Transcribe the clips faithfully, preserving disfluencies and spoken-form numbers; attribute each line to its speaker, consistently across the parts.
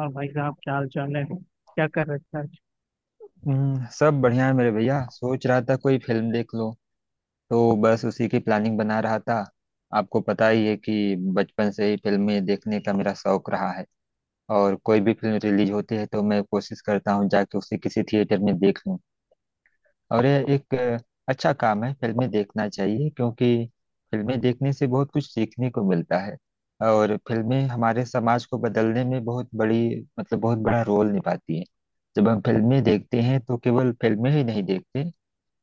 Speaker 1: और भाई साहब क्या हाल चाल है, क्या कर रखा है।
Speaker 2: हम्म, सब बढ़िया है मेरे भैया। सोच रहा था कोई फिल्म देख लो। तो बस उसी की प्लानिंग बना रहा था। आपको पता ही है कि बचपन से ही फिल्में देखने का मेरा शौक रहा है। और कोई भी फिल्म रिलीज होती है तो मैं कोशिश करता हूँ जाके उसे किसी थिएटर में देख लूँ। और यह एक अ, अच्छा काम है, फिल्में देखना चाहिए क्योंकि फिल्में देखने से बहुत कुछ सीखने को मिलता है। और फिल्में हमारे समाज को बदलने में बहुत बड़ी, मतलब बहुत बड़ा रोल निभाती हैं। जब हम फिल्में देखते हैं तो केवल फिल्में ही नहीं देखते,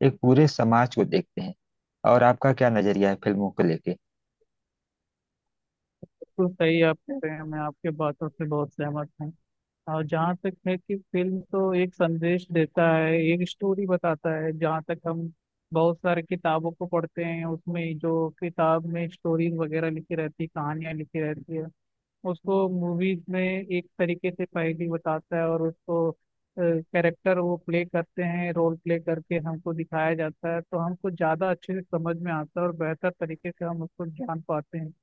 Speaker 2: एक पूरे समाज को देखते हैं। और आपका क्या नजरिया है फिल्मों को लेके?
Speaker 1: बिल्कुल सही आप कह रहे हैं, मैं आपके बातों से बहुत सहमत हूँ। और जहाँ तक है कि फिल्म तो एक संदेश देता है, एक स्टोरी बताता है। जहाँ तक हम बहुत सारे किताबों को पढ़ते हैं, उसमें जो किताब में स्टोरीज वगैरह लिखी रहती है, कहानियाँ लिखी रहती है, उसको मूवीज में एक तरीके से पहेली बताता है। और उसको कैरेक्टर वो प्ले करते हैं, रोल प्ले करके हमको दिखाया जाता है, तो हमको ज़्यादा अच्छे से समझ में आता है और बेहतर तरीके से हम उसको जान पाते हैं।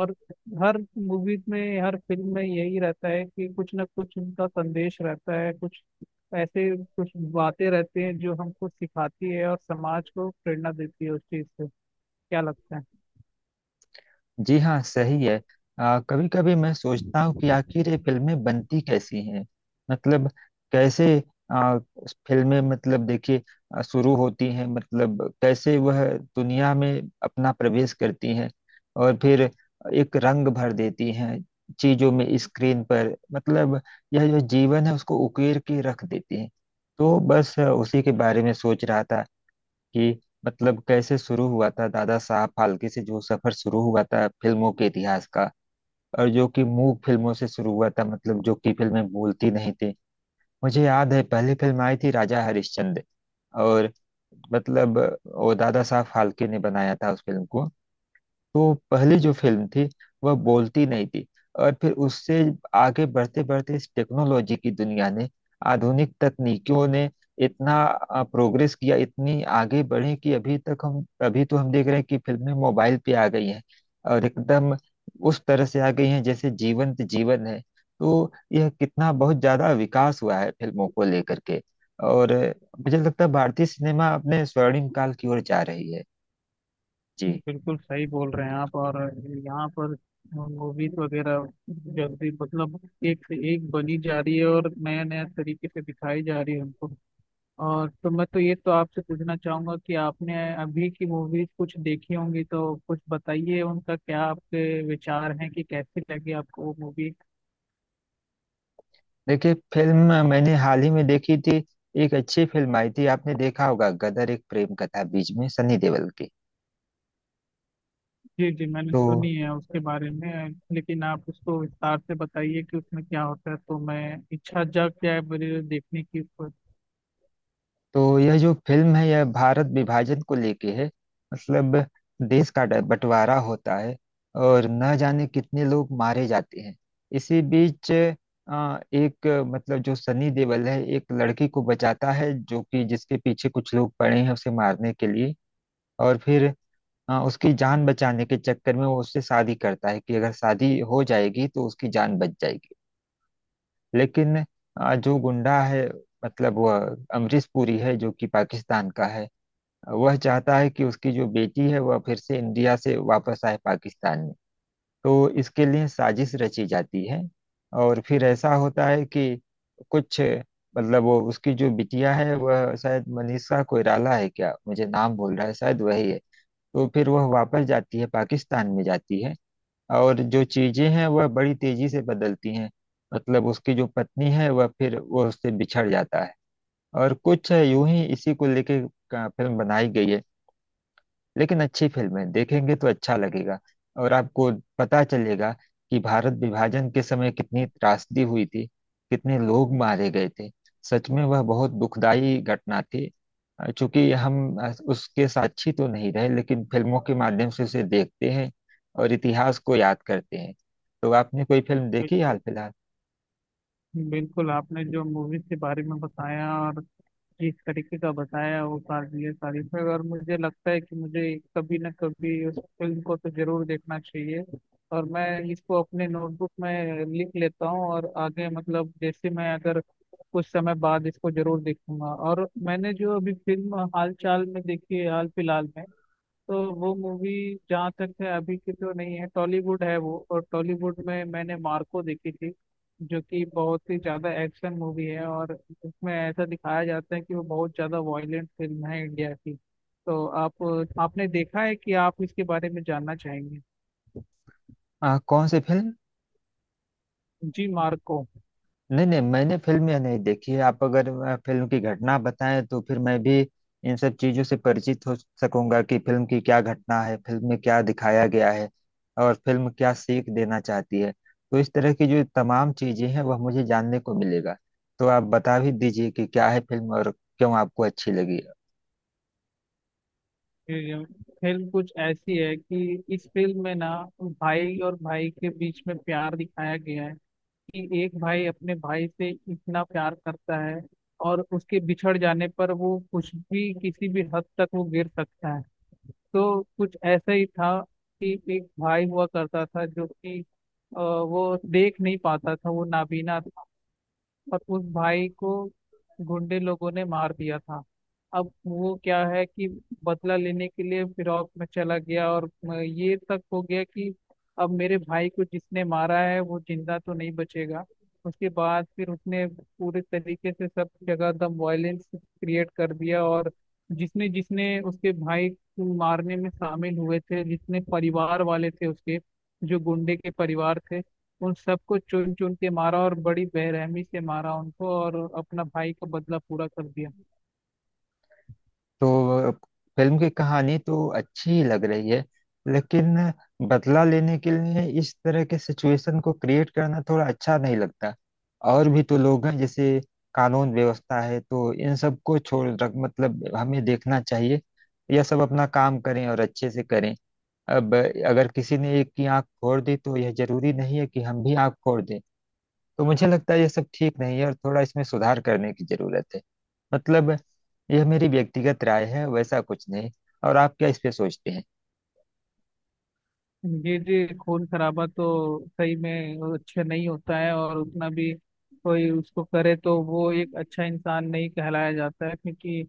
Speaker 1: और हर मूवीज में, हर फिल्म में यही रहता है कि कुछ ना कुछ उनका संदेश रहता है, कुछ ऐसे कुछ बातें रहती हैं जो हमको सिखाती है और समाज को प्रेरणा देती है उस चीज़ से। क्या लगता है।
Speaker 2: जी हाँ, सही है। कभी कभी मैं सोचता हूँ कि आखिर ये फिल्में बनती कैसी हैं। मतलब कैसे आ, फिल्में, मतलब देखिए आ, शुरू होती हैं, मतलब कैसे वह दुनिया में अपना प्रवेश करती हैं और फिर एक रंग भर देती हैं चीजों में, स्क्रीन पर। मतलब यह जो जीवन है उसको उकेर के रख देती हैं। तो बस आ, उसी के बारे में सोच रहा था कि मतलब कैसे शुरू हुआ था, दादा साहब फाल्के से जो सफर शुरू हुआ था फिल्मों के इतिहास का। और जो कि मूक फिल्मों से शुरू हुआ था, मतलब जो कि फिल्में बोलती नहीं थी। मुझे याद है पहली फिल्म आई थी राजा हरिश्चंद्र। और मतलब वो दादा साहब फाल्के ने बनाया था उस फिल्म को। तो पहली जो फिल्म थी, वह बोलती नहीं थी। और फिर उससे आगे बढ़ते बढ़ते इस टेक्नोलॉजी की दुनिया ने, आधुनिक तकनीकियों ने इतना अ, प्रोग्रेस किया, इतनी आगे बढ़े कि अभी तक हम, अभी तो हम देख रहे हैं कि फिल्में मोबाइल पे आ गई हैं। और एकदम उस तरह से आ गई हैं जैसे जीवंत जीवन है। तो यह कितना बहुत ज्यादा विकास हुआ है फिल्मों को लेकर के। और अ, मुझे लगता है भारतीय सिनेमा अपने स्वर्णिम काल की ओर जा रही है। जी,
Speaker 1: बिल्कुल सही बोल रहे हैं आप। और यहाँ पर मूवीज वगैरह जल्दी मतलब एक से एक बनी जा रही है और नया नया तरीके से दिखाई जा रही है हमको। और तो मैं तो ये तो आपसे पूछना चाहूंगा कि आपने अभी की मूवीज कुछ देखी होंगी तो कुछ बताइए, उनका क्या आपके विचार हैं कि कैसी लगी आपको वो मूवी।
Speaker 2: देखिए फिल्म मैंने हाल ही में देखी थी, एक अच्छी फिल्म आई थी, आपने देखा होगा गदर एक प्रेम कथा, बीच में सनी देओल की।
Speaker 1: जी जी, मैंने
Speaker 2: तो
Speaker 1: सुनी है उसके बारे में, लेकिन आप उसको विस्तार से बताइए कि उसमें क्या होता है, तो मैं, इच्छा जाग जाए मेरी देखने की।
Speaker 2: तो यह जो फिल्म है यह भारत विभाजन को लेके है। मतलब देश का ड- बंटवारा होता है और न जाने कितने लोग मारे जाते हैं। इसी बीच अ, एक अ, मतलब जो सनी देओल है एक लड़की को बचाता है, जो कि जिसके पीछे कुछ लोग पड़े हैं उसे मारने के लिए। और फिर हाँ, उसकी जान बचाने के चक्कर में वो उससे शादी करता है कि अगर शादी हो जाएगी तो उसकी जान बच जाएगी। लेकिन अ, जो गुंडा है, मतलब वह अमरीश पुरी है, जो कि पाकिस्तान का है। वह चाहता है कि उसकी जो बेटी है वह फिर से इंडिया से वापस आए पाकिस्तान में। तो इसके लिए साजिश रची जाती है। और फिर ऐसा होता है कि कुछ, मतलब वो उसकी जो बिटिया है, वह शायद मनीषा कोइराला है क्या, मुझे नाम बोल रहा है शायद वही है। तो फिर वह वापस जाती है, पाकिस्तान में जाती है, और जो चीजें हैं वह बड़ी तेजी से बदलती हैं। मतलब उसकी जो पत्नी है वह फिर वह उससे बिछड़ जाता है। और कुछ यूं ही इसी को लेके का फिल्म बनाई गई है। लेकिन अच्छी फिल्म है, देखेंगे तो अच्छा लगेगा। और आपको पता चलेगा कि भारत विभाजन के समय कितनी त्रासदी हुई थी, कितने लोग मारे गए थे। सच में वह बहुत दुखदाई घटना थी। अ, चूंकि हम अ, उसके साक्षी तो नहीं रहे, लेकिन फिल्मों के माध्यम से उसे देखते हैं और इतिहास को याद करते हैं। तो आपने कोई फिल्म देखी हाल फिलहाल?
Speaker 1: बिल्कुल, आपने जो मूवीज के बारे में बताया और जिस तरीके का बताया वो काबिल तारीफ है, और मुझे लगता है कि मुझे कभी ना कभी उस फिल्म को तो जरूर देखना चाहिए। और मैं इसको अपने नोटबुक में लिख लेता हूँ, और आगे मतलब जैसे मैं अगर कुछ समय बाद इसको जरूर देखूंगा। और मैंने जो अभी फिल्म हाल चाल में देखी है, हाल फिलहाल में, तो वो मूवी जहाँ तक है अभी की तो नहीं है, टॉलीवुड है वो। और टॉलीवुड में मैंने मार्को देखी थी, जो कि बहुत ही ज्यादा एक्शन मूवी है और उसमें ऐसा दिखाया जाता है कि वो बहुत ज्यादा वायलेंट फिल्म है इंडिया की। तो आप, आपने देखा है कि आप इसके बारे में जानना चाहेंगे।
Speaker 2: अ, कौन सी फिल्म?
Speaker 1: जी, मार्को।
Speaker 2: नहीं नहीं, मैंने फिल्म यह नहीं देखी है। आप अगर अ, फिल्म की घटना बताएं तो फिर मैं भी इन सब चीजों से परिचित हो सकूंगा कि फिल्म की क्या घटना है, फिल्म में क्या दिखाया गया है और फिल्म क्या सीख देना चाहती है। तो इस तरह की जो तमाम चीजें हैं वह मुझे जानने को मिलेगा। तो आप बता भी दीजिए कि क्या है फिल्म और क्यों आपको अच्छी लगी।
Speaker 1: फिल्म कुछ ऐसी है कि इस फिल्म में ना, भाई और भाई के बीच में प्यार दिखाया गया है कि एक भाई अपने भाई से इतना प्यार करता है, और उसके बिछड़ जाने पर वो कुछ भी किसी भी हद तक वो गिर सकता है। तो कुछ ऐसा ही था कि एक भाई हुआ करता था जो कि अ, वो देख नहीं पाता था, वो नाबीना। और उस भाई को गुंडे लोगों ने मार दिया था। अब वो क्या है कि बदला लेने के लिए फिरौत में चला गया और म- ये तक हो गया कि अब मेरे भाई को जिसने मारा है वो जिंदा तो नहीं बचेगा। उसके बाद फिर उसने पूरे तरीके से सब जगह दम वायलेंस क्रिएट कर दिया, और जिसने जिसने उसके भाई को मारने में शामिल हुए थे, जितने परिवार वाले थे उसके, जो गुंडे के परिवार थे, उन सबको चुन चुन के मारा और बड़ी बेरहमी से मारा उनको, और अपना भाई का बदला पूरा कर दिया।
Speaker 2: तो फिल्म की कहानी तो अच्छी ही लग रही है, लेकिन बदला लेने के लिए इस तरह के सिचुएशन को क्रिएट करना थोड़ा अच्छा नहीं लगता। और भी तो लोग हैं, जैसे कानून व्यवस्था है, तो इन सबको छोड़ रख मतलब हमें देखना चाहिए यह सब अपना काम करें और अच्छे से करें। अब अगर किसी ने एक की आंख फोड़ दी तो यह जरूरी नहीं है कि हम भी आंख फोड़ दें। तो मुझे लगता है यह सब ठीक नहीं है और थोड़ा इसमें सुधार करने की जरूरत है। मतलब यह मेरी व्यक्तिगत राय है, वैसा कुछ नहीं। और आप क्या इस पे सोचते हैं?
Speaker 1: जी जी, खून खराबा तो सही में वो अच्छा नहीं होता है। और उतना भी कोई उसको करे तो वो एक अच्छा इंसान नहीं कहलाया जाता है, क्योंकि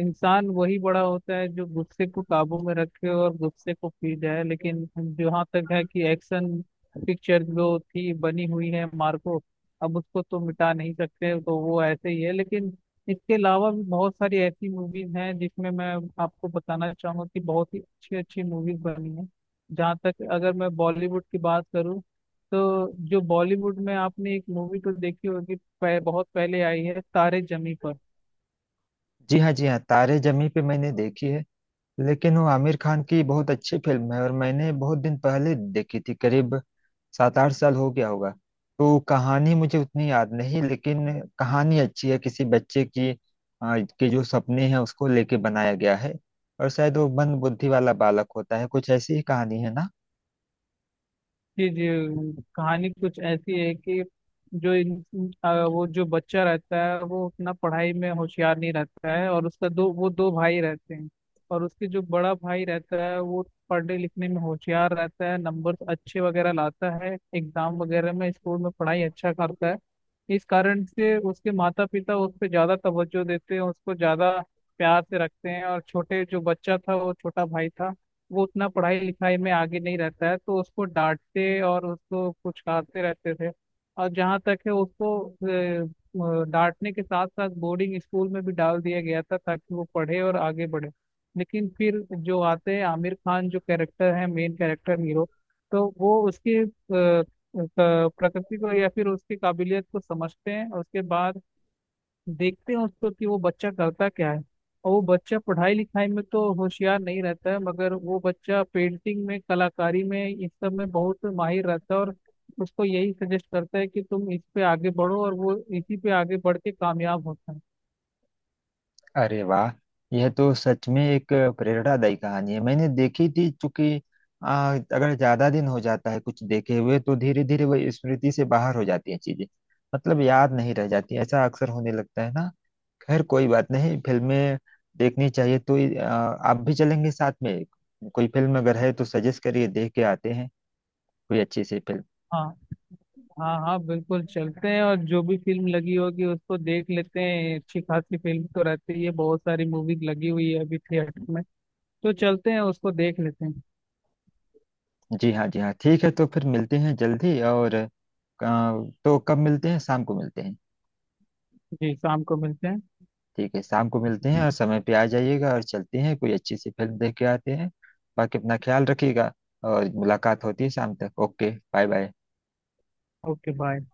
Speaker 1: इंसान वही बड़ा होता है जो गुस्से को काबू में रखे और गुस्से को पी जाए। लेकिन जहाँ तक है कि एक्शन पिक्चर जो थी बनी हुई है मार्को, अब उसको तो मिटा नहीं सकते, तो वो ऐसे ही है। लेकिन इसके अलावा भी बहुत सारी ऐसी मूवीज हैं जिसमें मैं आपको बताना चाहूंगा कि बहुत ही अच्छी अच्छी मूवीज बनी हैं। जहाँ तक अगर मैं बॉलीवुड की बात करूँ, तो जो बॉलीवुड में आपने एक मूवी तो देखी होगी, पह, बहुत पहले आई है, तारे जमी पर।
Speaker 2: जी हाँ, जी हाँ, तारे जमी पे मैंने देखी है। लेकिन वो आमिर खान की बहुत अच्छी फिल्म है, और मैंने बहुत दिन पहले देखी थी, करीब सात आठ साल हो गया होगा। तो कहानी मुझे उतनी याद नहीं, लेकिन कहानी अच्छी है किसी बच्चे की, आ, के जो सपने हैं उसको लेके बनाया गया है। और शायद वो मंद बुद्धि वाला बालक होता है, कुछ ऐसी ही कहानी है ना।
Speaker 1: जी जी, कहानी कुछ ऐसी है कि जो इन इन- आ, वो जो बच्चा रहता है वो अपना पढ़ाई में होशियार नहीं रहता है, और उसका दो, वो दो भाई रहते हैं। और उसके जो बड़ा भाई रहता है वो पढ़ने लिखने में होशियार रहता है, नंबर अच्छे वगैरह लाता है एग्जाम वगैरह में, स्कूल में पढ़ाई अच्छा करता है। इस कारण से उसके माता पिता उस पर ज्यादा तवज्जो देते हैं, उसको ज्यादा प्यार से रखते हैं। और छोटे जो बच्चा था, वो छोटा भाई था, वो उतना पढ़ाई लिखाई में आगे नहीं रहता है, तो उसको डांटते और उसको कुचलाते रहते थे। और जहाँ तक है उसको अ, अ, डांटने के साथ साथ बोर्डिंग स्कूल में भी डाल दिया गया था ताकि वो पढ़े और आगे बढ़े। लेकिन फिर जो आते हैं आमिर खान, जो कैरेक्टर है मेन कैरेक्टर हीरो, तो वो उसके अ, अ, प्रकृति को या फिर उसकी काबिलियत को समझते हैं। उसके बाद देखते हैं उसको कि वो बच्चा करता क्या है। और वो बच्चा पढ़ाई लिखाई में तो होशियार नहीं रहता है, मगर वो बच्चा पेंटिंग में कलाकारी में इस सब में बहुत माहिर रहता है, और उसको यही सजेस्ट करता है कि तुम इस पे आगे बढ़ो, और वो इसी पे आगे बढ़ के कामयाब होता है।
Speaker 2: अरे वाह, यह तो सच में एक प्रेरणादायी कहानी है। मैंने देखी थी, चूंकि आ, अगर ज्यादा दिन हो जाता है कुछ देखे हुए तो धीरे धीरे वह स्मृति से बाहर हो जाती हैं चीजें। मतलब याद नहीं रह जाती, ऐसा अक्सर होने लगता है ना। खैर कोई बात नहीं, फिल्में देखनी चाहिए। तो आ, आप भी चलेंगे साथ में? कोई फिल्म अगर है तो सजेस्ट करिए, देख के आते हैं कोई अच्छी सी फिल्म।
Speaker 1: हाँ हाँ हाँ, बिल्कुल चलते हैं, और जो भी फिल्म लगी होगी उसको देख लेते हैं। अच्छी खासी फिल्म तो रहती है, बहुत सारी मूवीज लगी हुई है अभी थिएटर में, तो चलते हैं उसको देख लेते हैं।
Speaker 2: जी हाँ, जी हाँ ठीक है। तो फिर मिलते हैं जल्दी, और आ, तो कब मिलते हैं, शाम को मिलते हैं?
Speaker 1: जी, शाम को मिलते हैं।
Speaker 2: ठीक है, शाम को मिलते हैं। और समय पे आ जाइएगा, और चलते हैं कोई अच्छी सी फिल्म देख के आते हैं। बाकी अपना ख्याल रखिएगा, और मुलाकात होती है शाम तक। Okay, bye bye.
Speaker 1: Okay bye.